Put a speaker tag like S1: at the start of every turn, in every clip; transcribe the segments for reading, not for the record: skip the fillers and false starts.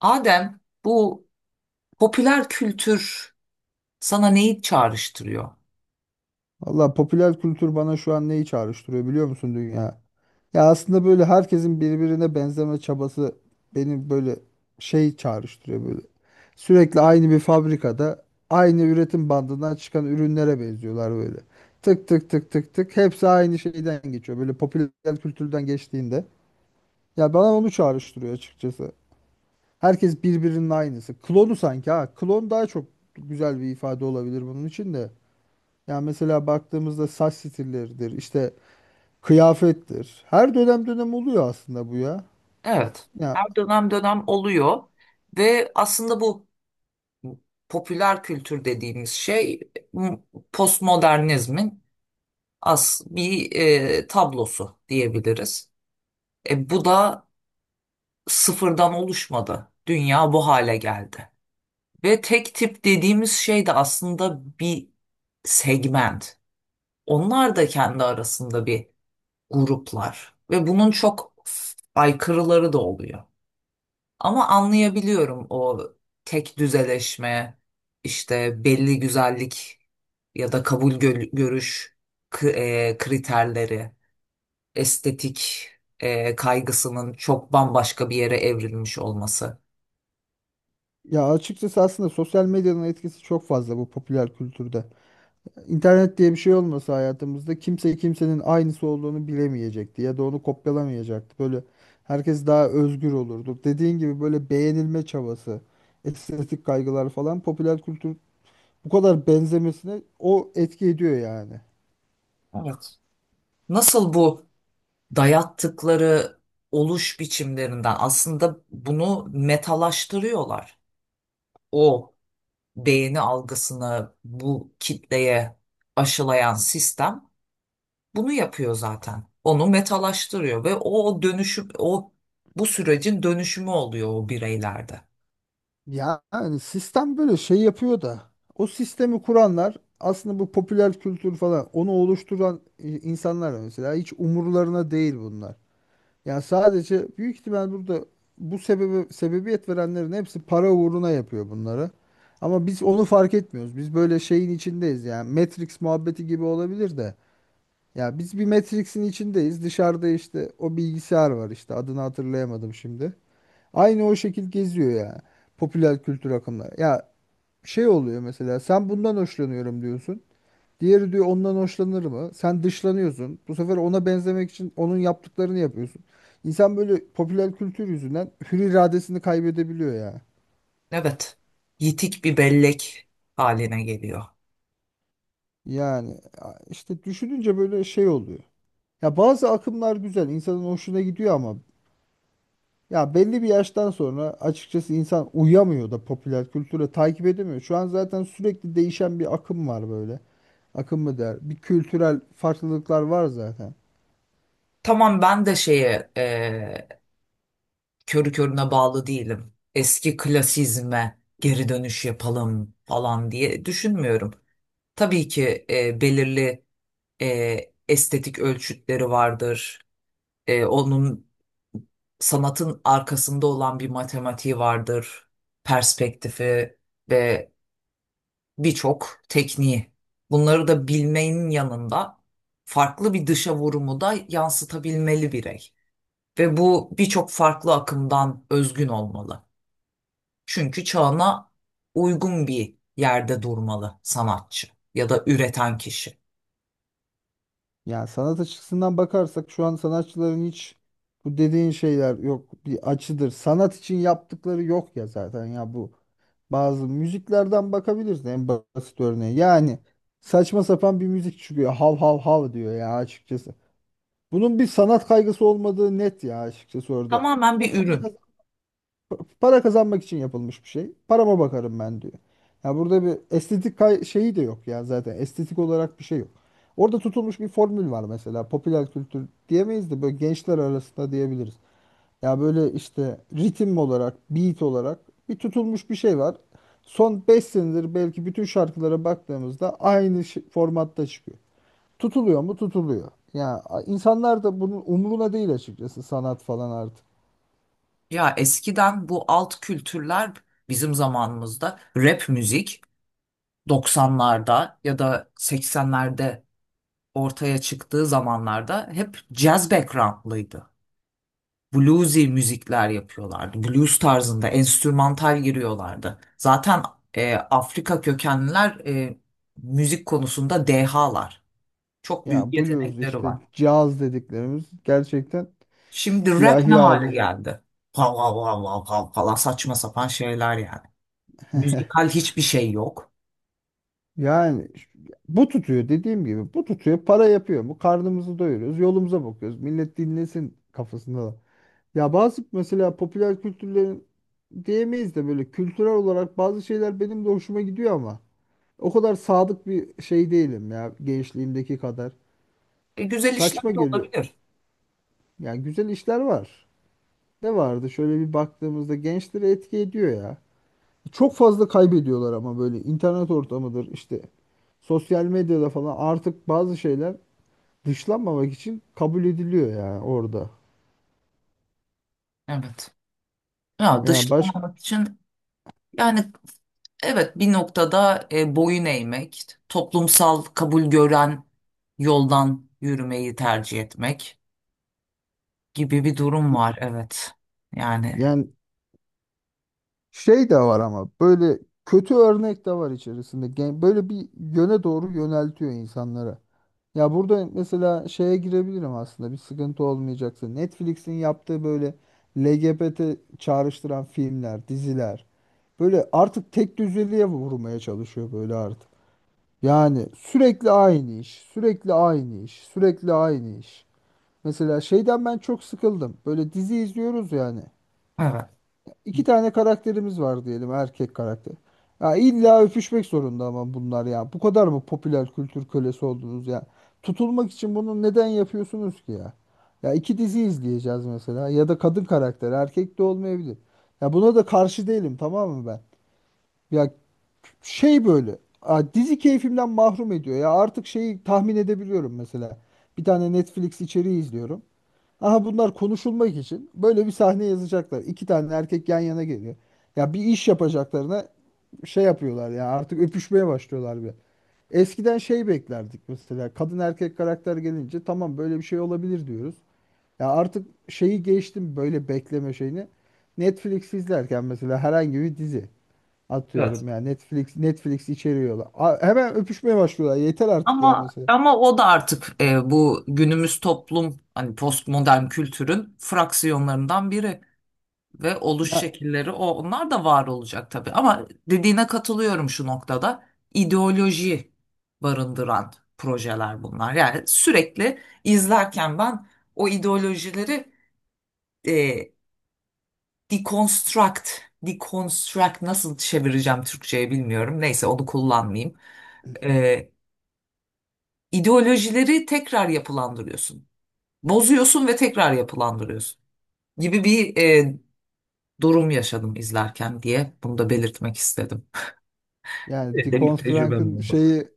S1: Adem, bu popüler kültür sana neyi çağrıştırıyor?
S2: Valla popüler kültür bana şu an neyi çağrıştırıyor biliyor musun dünya? Ya aslında böyle herkesin birbirine benzeme çabası beni böyle şey çağrıştırıyor böyle. Sürekli aynı bir fabrikada aynı üretim bandından çıkan ürünlere benziyorlar böyle. Tık tık tık tık tık hepsi aynı şeyden geçiyor böyle popüler kültürden geçtiğinde. Ya bana onu çağrıştırıyor açıkçası. Herkes birbirinin aynısı. Klonu sanki ha. Klon daha çok güzel bir ifade olabilir bunun için de. Yani mesela baktığımızda saç stilleridir, işte kıyafettir. Her dönem dönem oluyor aslında bu ya.
S1: Evet,
S2: Ya
S1: her dönem dönem oluyor ve aslında bu popüler kültür dediğimiz şey m- postmodernizmin as bir tablosu diyebiliriz. Bu da sıfırdan oluşmadı. Dünya bu hale geldi. Ve tek tip dediğimiz şey de aslında bir segment. Onlar da kendi arasında bir gruplar ve bunun çok aykırıları da oluyor. Ama anlayabiliyorum o tek düzeleşme, işte belli güzellik ya da kabul görüş kriterleri, estetik kaygısının çok bambaşka bir yere evrilmiş olması.
S2: ya açıkçası aslında sosyal medyanın etkisi çok fazla bu popüler kültürde. İnternet diye bir şey olmasa hayatımızda kimse kimsenin aynısı olduğunu bilemeyecekti ya da onu kopyalamayacaktı. Böyle herkes daha özgür olurdu. Dediğin gibi böyle beğenilme çabası, estetik kaygılar falan popüler kültür bu kadar benzemesine o etki ediyor yani.
S1: Evet. Nasıl bu dayattıkları oluş biçimlerinden aslında bunu metalaştırıyorlar. O beğeni algısını bu kitleye aşılayan sistem bunu yapıyor zaten. Onu metalaştırıyor ve o dönüşüm, o bu sürecin dönüşümü oluyor o bireylerde.
S2: Ya yani sistem böyle şey yapıyor da o sistemi kuranlar aslında bu popüler kültür falan onu oluşturan insanlar mesela hiç umurlarına değil bunlar. Yani sadece büyük ihtimal burada bu sebebe sebebiyet verenlerin hepsi para uğruna yapıyor bunları. Ama biz onu fark etmiyoruz. Biz böyle şeyin içindeyiz yani Matrix muhabbeti gibi olabilir de. Ya biz bir Matrix'in içindeyiz. Dışarıda işte o bilgisayar var, işte adını hatırlayamadım şimdi. Aynı o şekil geziyor ya. Popüler kültür akımları. Ya şey oluyor, mesela sen bundan hoşlanıyorum diyorsun. Diğeri diyor ondan hoşlanır mı? Sen dışlanıyorsun. Bu sefer ona benzemek için onun yaptıklarını yapıyorsun. İnsan böyle popüler kültür yüzünden hür iradesini kaybedebiliyor ya.
S1: Evet, yitik bir bellek haline geliyor.
S2: Yani işte düşününce böyle şey oluyor. Ya bazı akımlar güzel, insanın hoşuna gidiyor ama ya belli bir yaştan sonra açıkçası insan uyamıyor da popüler kültüre takip edemiyor. Şu an zaten sürekli değişen bir akım var böyle. Akım mı der? Bir kültürel farklılıklar var zaten.
S1: Tamam, ben de şeye körü körüne bağlı değilim. Eski klasizme geri dönüş yapalım falan diye düşünmüyorum. Tabii ki belirli estetik ölçütleri vardır. Onun sanatın arkasında olan bir matematiği vardır, perspektifi ve birçok tekniği. Bunları da bilmenin yanında farklı bir dışa vurumu da yansıtabilmeli birey. Ve bu birçok farklı akımdan özgün olmalı. Çünkü çağına uygun bir yerde durmalı sanatçı ya da üreten kişi.
S2: Yani sanat açısından bakarsak şu an sanatçıların hiç bu dediğin şeyler yok. Bir açıdır. Sanat için yaptıkları yok ya zaten ya, bu bazı müziklerden bakabilirsin en basit örneği. Yani saçma sapan bir müzik çıkıyor. Hav hav hav diyor ya açıkçası. Bunun bir sanat kaygısı olmadığı net ya açıkçası orada.
S1: Tamamen
S2: Bu
S1: bir
S2: para
S1: ürün.
S2: Para kazanmak için yapılmış bir şey. Parama bakarım ben diyor. Ya burada bir estetik şeyi de yok ya zaten. Estetik olarak bir şey yok. Orada tutulmuş bir formül var mesela. Popüler kültür diyemeyiz de böyle gençler arasında diyebiliriz. Ya böyle işte ritim olarak, beat olarak bir tutulmuş bir şey var. Son 5 senedir belki bütün şarkılara baktığımızda aynı formatta çıkıyor. Tutuluyor mu? Tutuluyor. Ya insanlar da bunun umuruna değil açıkçası sanat falan artık.
S1: Ya eskiden bu alt kültürler, bizim zamanımızda rap müzik 90'larda ya da 80'lerde ortaya çıktığı zamanlarda hep jazz backgroundlıydı. Bluesy müzikler yapıyorlardı. Blues tarzında enstrümantal giriyorlardı. Zaten Afrika kökenliler müzik konusunda dehalar. Çok büyük
S2: Ya blues
S1: yetenekleri
S2: işte
S1: var.
S2: caz dediklerimiz gerçekten
S1: Şimdi rap ne
S2: siyahi
S1: hale
S2: abi.
S1: geldi? Vav vav vav vav vav falan, saçma sapan şeyler yani. Müzikal hiçbir şey yok.
S2: Yani bu tutuyor, dediğim gibi bu tutuyor, para yapıyor mu, karnımızı doyuruyoruz, yolumuza bakıyoruz, millet dinlesin kafasında da. Ya bazı mesela popüler kültürlerin diyemeyiz de böyle kültürel olarak bazı şeyler benim de hoşuma gidiyor ama o kadar sadık bir şey değilim ya gençliğimdeki kadar.
S1: Güzel işler
S2: Saçma
S1: de
S2: geliyor.
S1: olabilir.
S2: Yani güzel işler var. Ne vardı şöyle bir baktığımızda, gençleri etki ediyor ya. Çok fazla kaybediyorlar ama böyle internet ortamıdır işte, sosyal medyada falan artık bazı şeyler dışlanmamak için kabul ediliyor yani orada.
S1: Evet. Ya
S2: Yani baş,
S1: dışlanmamak için, yani evet, bir noktada boyun eğmek, toplumsal kabul gören yoldan yürümeyi tercih etmek gibi bir durum var. Evet. Yani
S2: yani şey de var ama böyle kötü örnek de var içerisinde. Böyle bir yöne doğru yöneltiyor insanlara. Ya burada mesela şeye girebilirim aslında, bir sıkıntı olmayacaksa. Netflix'in yaptığı böyle LGBT çağrıştıran filmler, diziler. Böyle artık tek düzeliğe vurmaya çalışıyor böyle artık. Yani sürekli aynı iş, sürekli aynı iş, sürekli aynı iş. Mesela şeyden ben çok sıkıldım. Böyle dizi izliyoruz yani.
S1: evet.
S2: İki tane karakterimiz var diyelim, erkek karakter. Ya illa öpüşmek zorunda ama bunlar ya. Bu kadar mı popüler kültür kölesi oldunuz ya? Tutulmak için bunu neden yapıyorsunuz ki ya? Ya iki dizi izleyeceğiz mesela, ya da kadın karakter, erkek de olmayabilir. Ya buna da karşı değilim, tamam mı ben? Ya şey böyle dizi keyfimden mahrum ediyor ya artık, şeyi tahmin edebiliyorum mesela, bir tane Netflix içeriği izliyorum, aha bunlar konuşulmak için böyle bir sahne yazacaklar. İki tane erkek yan yana geliyor, ya bir iş yapacaklarına şey yapıyorlar ya, artık öpüşmeye başlıyorlar. Bir eskiden şey beklerdik mesela, kadın erkek karakter gelince tamam böyle bir şey olabilir diyoruz ya artık, şeyi geçtim böyle bekleme şeyini, Netflix izlerken mesela herhangi bir dizi,
S1: Evet.
S2: atıyorum ya Netflix içeriyorlar. Hemen öpüşmeye başlıyorlar. Yeter artık ya
S1: Ama
S2: mesela.
S1: ama o da artık bu günümüz toplum, hani postmodern kültürün fraksiyonlarından biri. Ve oluş
S2: Ya
S1: şekilleri, o onlar da var olacak tabii. Ama dediğine katılıyorum şu noktada. İdeoloji barındıran projeler bunlar. Yani sürekli izlerken ben o ideolojileri e, deconstruct, deconstruct nasıl çevireceğim Türkçe'ye bilmiyorum. Neyse, onu kullanmayayım. E, ideolojileri tekrar yapılandırıyorsun. Bozuyorsun ve tekrar yapılandırıyorsun gibi bir durum yaşadım izlerken, diye bunu da belirtmek istedim.
S2: yani
S1: Benim tecrübem
S2: Deconstruct'ın
S1: oldu.
S2: şeyi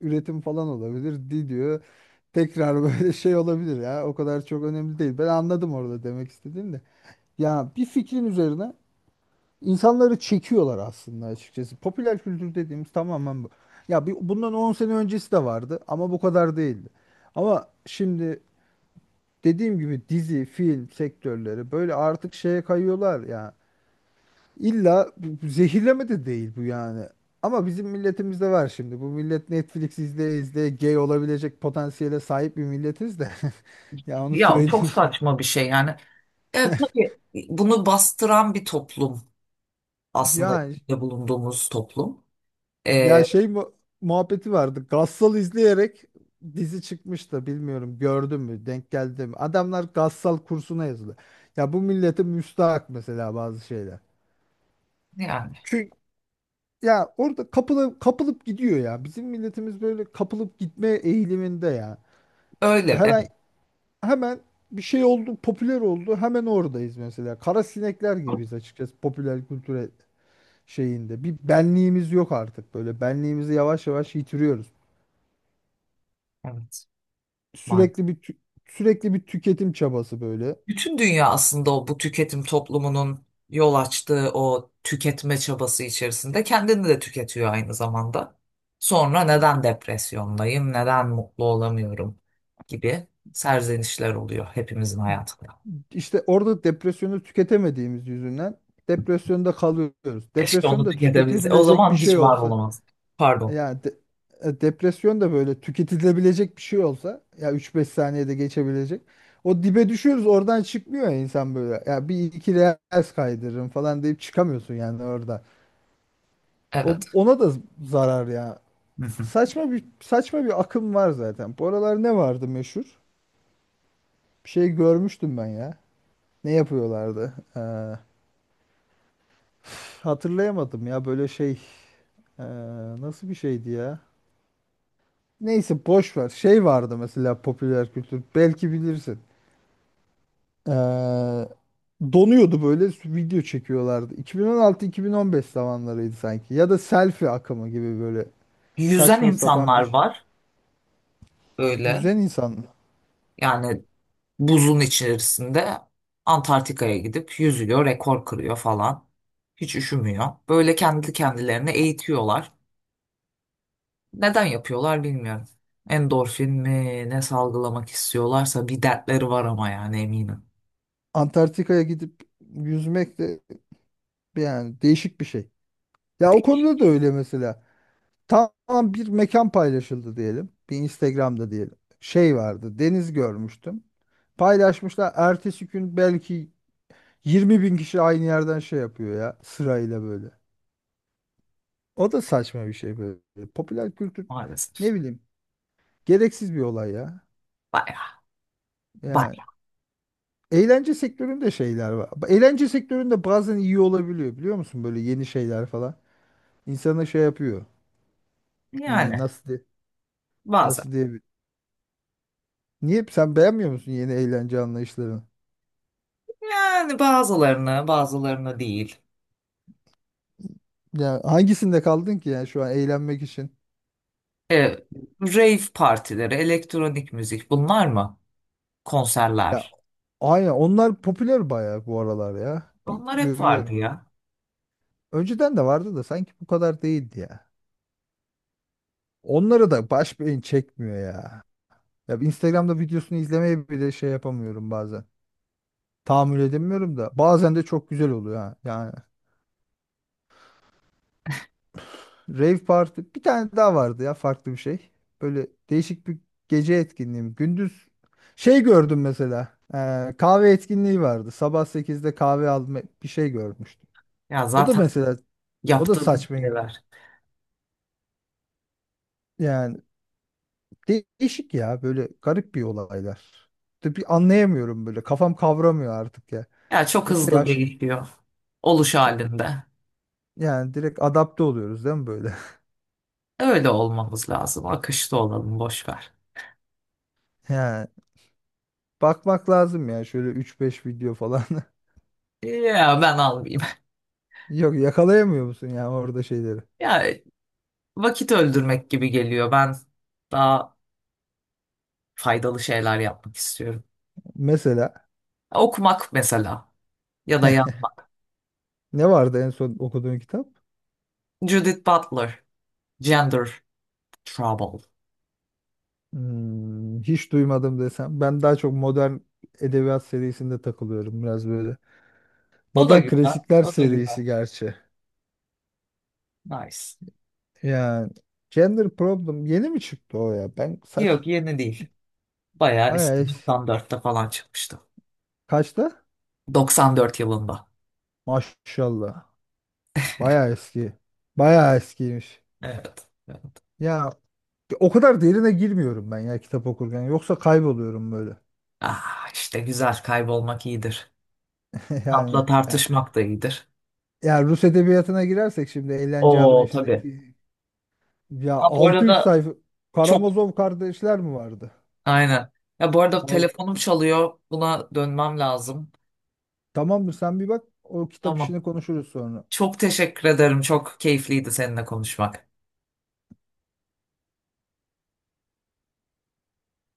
S2: üretim falan olabilir. Diyor. Tekrar böyle şey olabilir ya. O kadar çok önemli değil. Ben anladım orada demek istediğim de. Ya bir fikrin üzerine insanları çekiyorlar aslında açıkçası. Popüler kültür dediğimiz tamamen bu. Ya bir, bundan 10 sene öncesi de vardı ama bu kadar değildi. Ama şimdi dediğim gibi dizi, film sektörleri böyle artık şeye kayıyorlar ya. İlla bu zehirleme de değil bu yani. Ama bizim milletimizde var şimdi. Bu millet Netflix izleye izleye gay olabilecek potansiyele sahip bir milletiz de. Ya onu
S1: Ya
S2: söyleyeyim.
S1: çok saçma bir şey yani. Evet, tabii bunu bastıran bir toplum aslında
S2: Yani
S1: içinde bulunduğumuz toplum. Ee,
S2: ya şey muhabbeti vardı. Gassal izleyerek dizi çıkmış da, bilmiyorum gördün mü, denk geldi mi? Adamlar Gassal kursuna yazıldı. Ya bu millete müstahak mesela bazı şeyler.
S1: yani
S2: Ya orada kapılıp kapılıp gidiyor ya. Bizim milletimiz böyle kapılıp gitme eğiliminde ya.
S1: öyle
S2: Her
S1: evet,
S2: ay hemen bir şey oldu, popüler oldu. Hemen oradayız mesela. Kara sinekler gibiyiz açıkçası popüler kültüre şeyinde. Bir benliğimiz yok artık böyle. Benliğimizi yavaş yavaş yitiriyoruz.
S1: evet maalesef.
S2: Sürekli bir tü- Sürekli bir tüketim çabası böyle.
S1: Bütün dünya aslında o bu tüketim toplumunun yol açtığı o tüketme çabası içerisinde kendini de tüketiyor aynı zamanda. Sonra neden depresyondayım, neden mutlu olamıyorum gibi serzenişler oluyor hepimizin hayatında.
S2: İşte orada depresyonu tüketemediğimiz yüzünden depresyonda kalıyoruz.
S1: Keşke onu
S2: Depresyonda
S1: tüketebilse. O
S2: tüketebilecek bir
S1: zaman hiç
S2: şey
S1: var
S2: olsa.
S1: olamaz. Pardon.
S2: Yani depresyon da böyle tüketilebilecek bir şey olsa ya, 3-5 saniyede geçebilecek. O dibe düşüyoruz, oradan çıkmıyor ya insan böyle. Ya bir iki reels kaydırırım falan deyip çıkamıyorsun yani orada. O,
S1: Evet.
S2: ona da zarar ya.
S1: Hı hı.
S2: Saçma bir akım var zaten. Bu aralar ne vardı meşhur? Bir şey görmüştüm ben ya. Ne yapıyorlardı? Hatırlayamadım ya böyle şey. Ee, nasıl bir şeydi ya? Neyse boş ver. Şey vardı mesela popüler kültür. Belki bilirsin. Ee, donuyordu böyle, video çekiyorlardı. 2016-2015 zamanlarıydı sanki. Ya da selfie akımı gibi böyle
S1: Yüzen
S2: saçma sapan
S1: insanlar
S2: bir
S1: var böyle.
S2: yüzen insan.
S1: Yani buzun içerisinde Antarktika'ya gidip yüzüyor, rekor kırıyor falan. Hiç üşümüyor. Böyle kendi kendilerine eğitiyorlar. Neden yapıyorlar bilmiyorum. Endorfin mi ne salgılamak istiyorlarsa bir dertleri var ama yani, eminim.
S2: Antarktika'ya gidip yüzmek de yani değişik bir şey. Ya o
S1: Değil
S2: konuda da öyle mesela. Tamam, bir mekan paylaşıldı diyelim. Bir Instagram'da diyelim. Şey vardı, deniz görmüştüm. Paylaşmışlar, ertesi gün belki 20 bin kişi aynı yerden şey yapıyor ya sırayla böyle. O da saçma bir şey böyle. Popüler kültür,
S1: maalesef.
S2: ne bileyim, gereksiz bir olay ya.
S1: Bayağı.
S2: Yani
S1: Bayağı.
S2: eğlence sektöründe şeyler var. Eğlence sektöründe bazen iyi olabiliyor biliyor musun? Böyle yeni şeyler falan. İnsana şey yapıyor. Hmm,
S1: Yani
S2: nasıl diye,
S1: bazen.
S2: nasıl diye. Niye sen beğenmiyor musun yeni eğlence anlayışlarını?
S1: Yani bazılarını, bazılarını değil.
S2: Ya hangisinde kaldın ki yani şu an eğlenmek için?
S1: E, rave partileri, elektronik müzik bunlar mı?
S2: Ya
S1: Konserler.
S2: aynen, onlar popüler bayağı bu aralar ya. Bir
S1: Onlar hep vardı
S2: görüyorum.
S1: ya.
S2: Önceden de vardı da sanki bu kadar değildi ya. Onları da baş beyin çekmiyor ya. Ya bir Instagram'da videosunu izlemeye bile şey yapamıyorum bazen. Tahammül edemiyorum da. Bazen de çok güzel oluyor ha. Yani rave party bir tane daha vardı ya, farklı bir şey. Böyle değişik bir gece etkinliği mi? Gündüz şey gördüm mesela. Kahve etkinliği vardı. Sabah 8'de kahve alma, bir şey görmüştüm.
S1: Ya
S2: O da
S1: zaten
S2: mesela, o da
S1: yaptığım
S2: saçma.
S1: şeyler.
S2: Yani değişik ya böyle, garip bir olaylar. De bir anlayamıyorum böyle. Kafam kavramıyor artık ya.
S1: Ya çok
S2: Yoksa
S1: hızlı
S2: yaş
S1: değişiyor. Oluş halinde.
S2: Yani direkt adapte oluyoruz değil mi böyle?
S1: Öyle olmamız lazım. Akışta olalım, boş ver.
S2: Yani bakmak lazım ya şöyle üç beş video falan.
S1: Ya ben almayayım.
S2: Yok, yakalayamıyor musun ya orada şeyleri?
S1: Ya vakit öldürmek gibi geliyor. Ben daha faydalı şeyler yapmak istiyorum.
S2: Mesela
S1: Okumak mesela, ya da yazmak.
S2: ne vardı en son okuduğun kitap?
S1: Judith Butler, Gender Trouble.
S2: Hmm, hiç duymadım desem. Ben daha çok modern edebiyat serisinde takılıyorum biraz böyle.
S1: O da
S2: Modern
S1: güzel.
S2: klasikler
S1: O da güzel.
S2: serisi gerçi.
S1: Nice.
S2: Yani Gender Problem yeni mi çıktı o ya? Ben saç
S1: Yok, yeni değil. Bayağı
S2: Bayağı
S1: eski, 94'te falan çıkmıştı.
S2: kaçta?
S1: 94 yılında.
S2: Maşallah. Bayağı eski. Bayağı eskiymiş.
S1: Evet.
S2: Ya o kadar derine girmiyorum ben ya kitap okurken. Yoksa kayboluyorum böyle.
S1: Ah işte, güzel kaybolmak iyidir. Tatla
S2: Yani ya,
S1: tartışmak da iyidir.
S2: ya Rus edebiyatına girersek şimdi eğlence
S1: Oo tabii.
S2: anlayışındaki, ya
S1: Ha, bu
S2: 600
S1: arada
S2: sayfa
S1: çok
S2: Karamazov Kardeşler mi vardı?
S1: aynen. Ya bu arada
S2: Al,
S1: telefonum çalıyor. Buna dönmem lazım.
S2: tamam mı, sen bir bak, o kitap
S1: Tamam.
S2: işini konuşuruz sonra.
S1: Çok teşekkür ederim. Çok keyifliydi seninle konuşmak.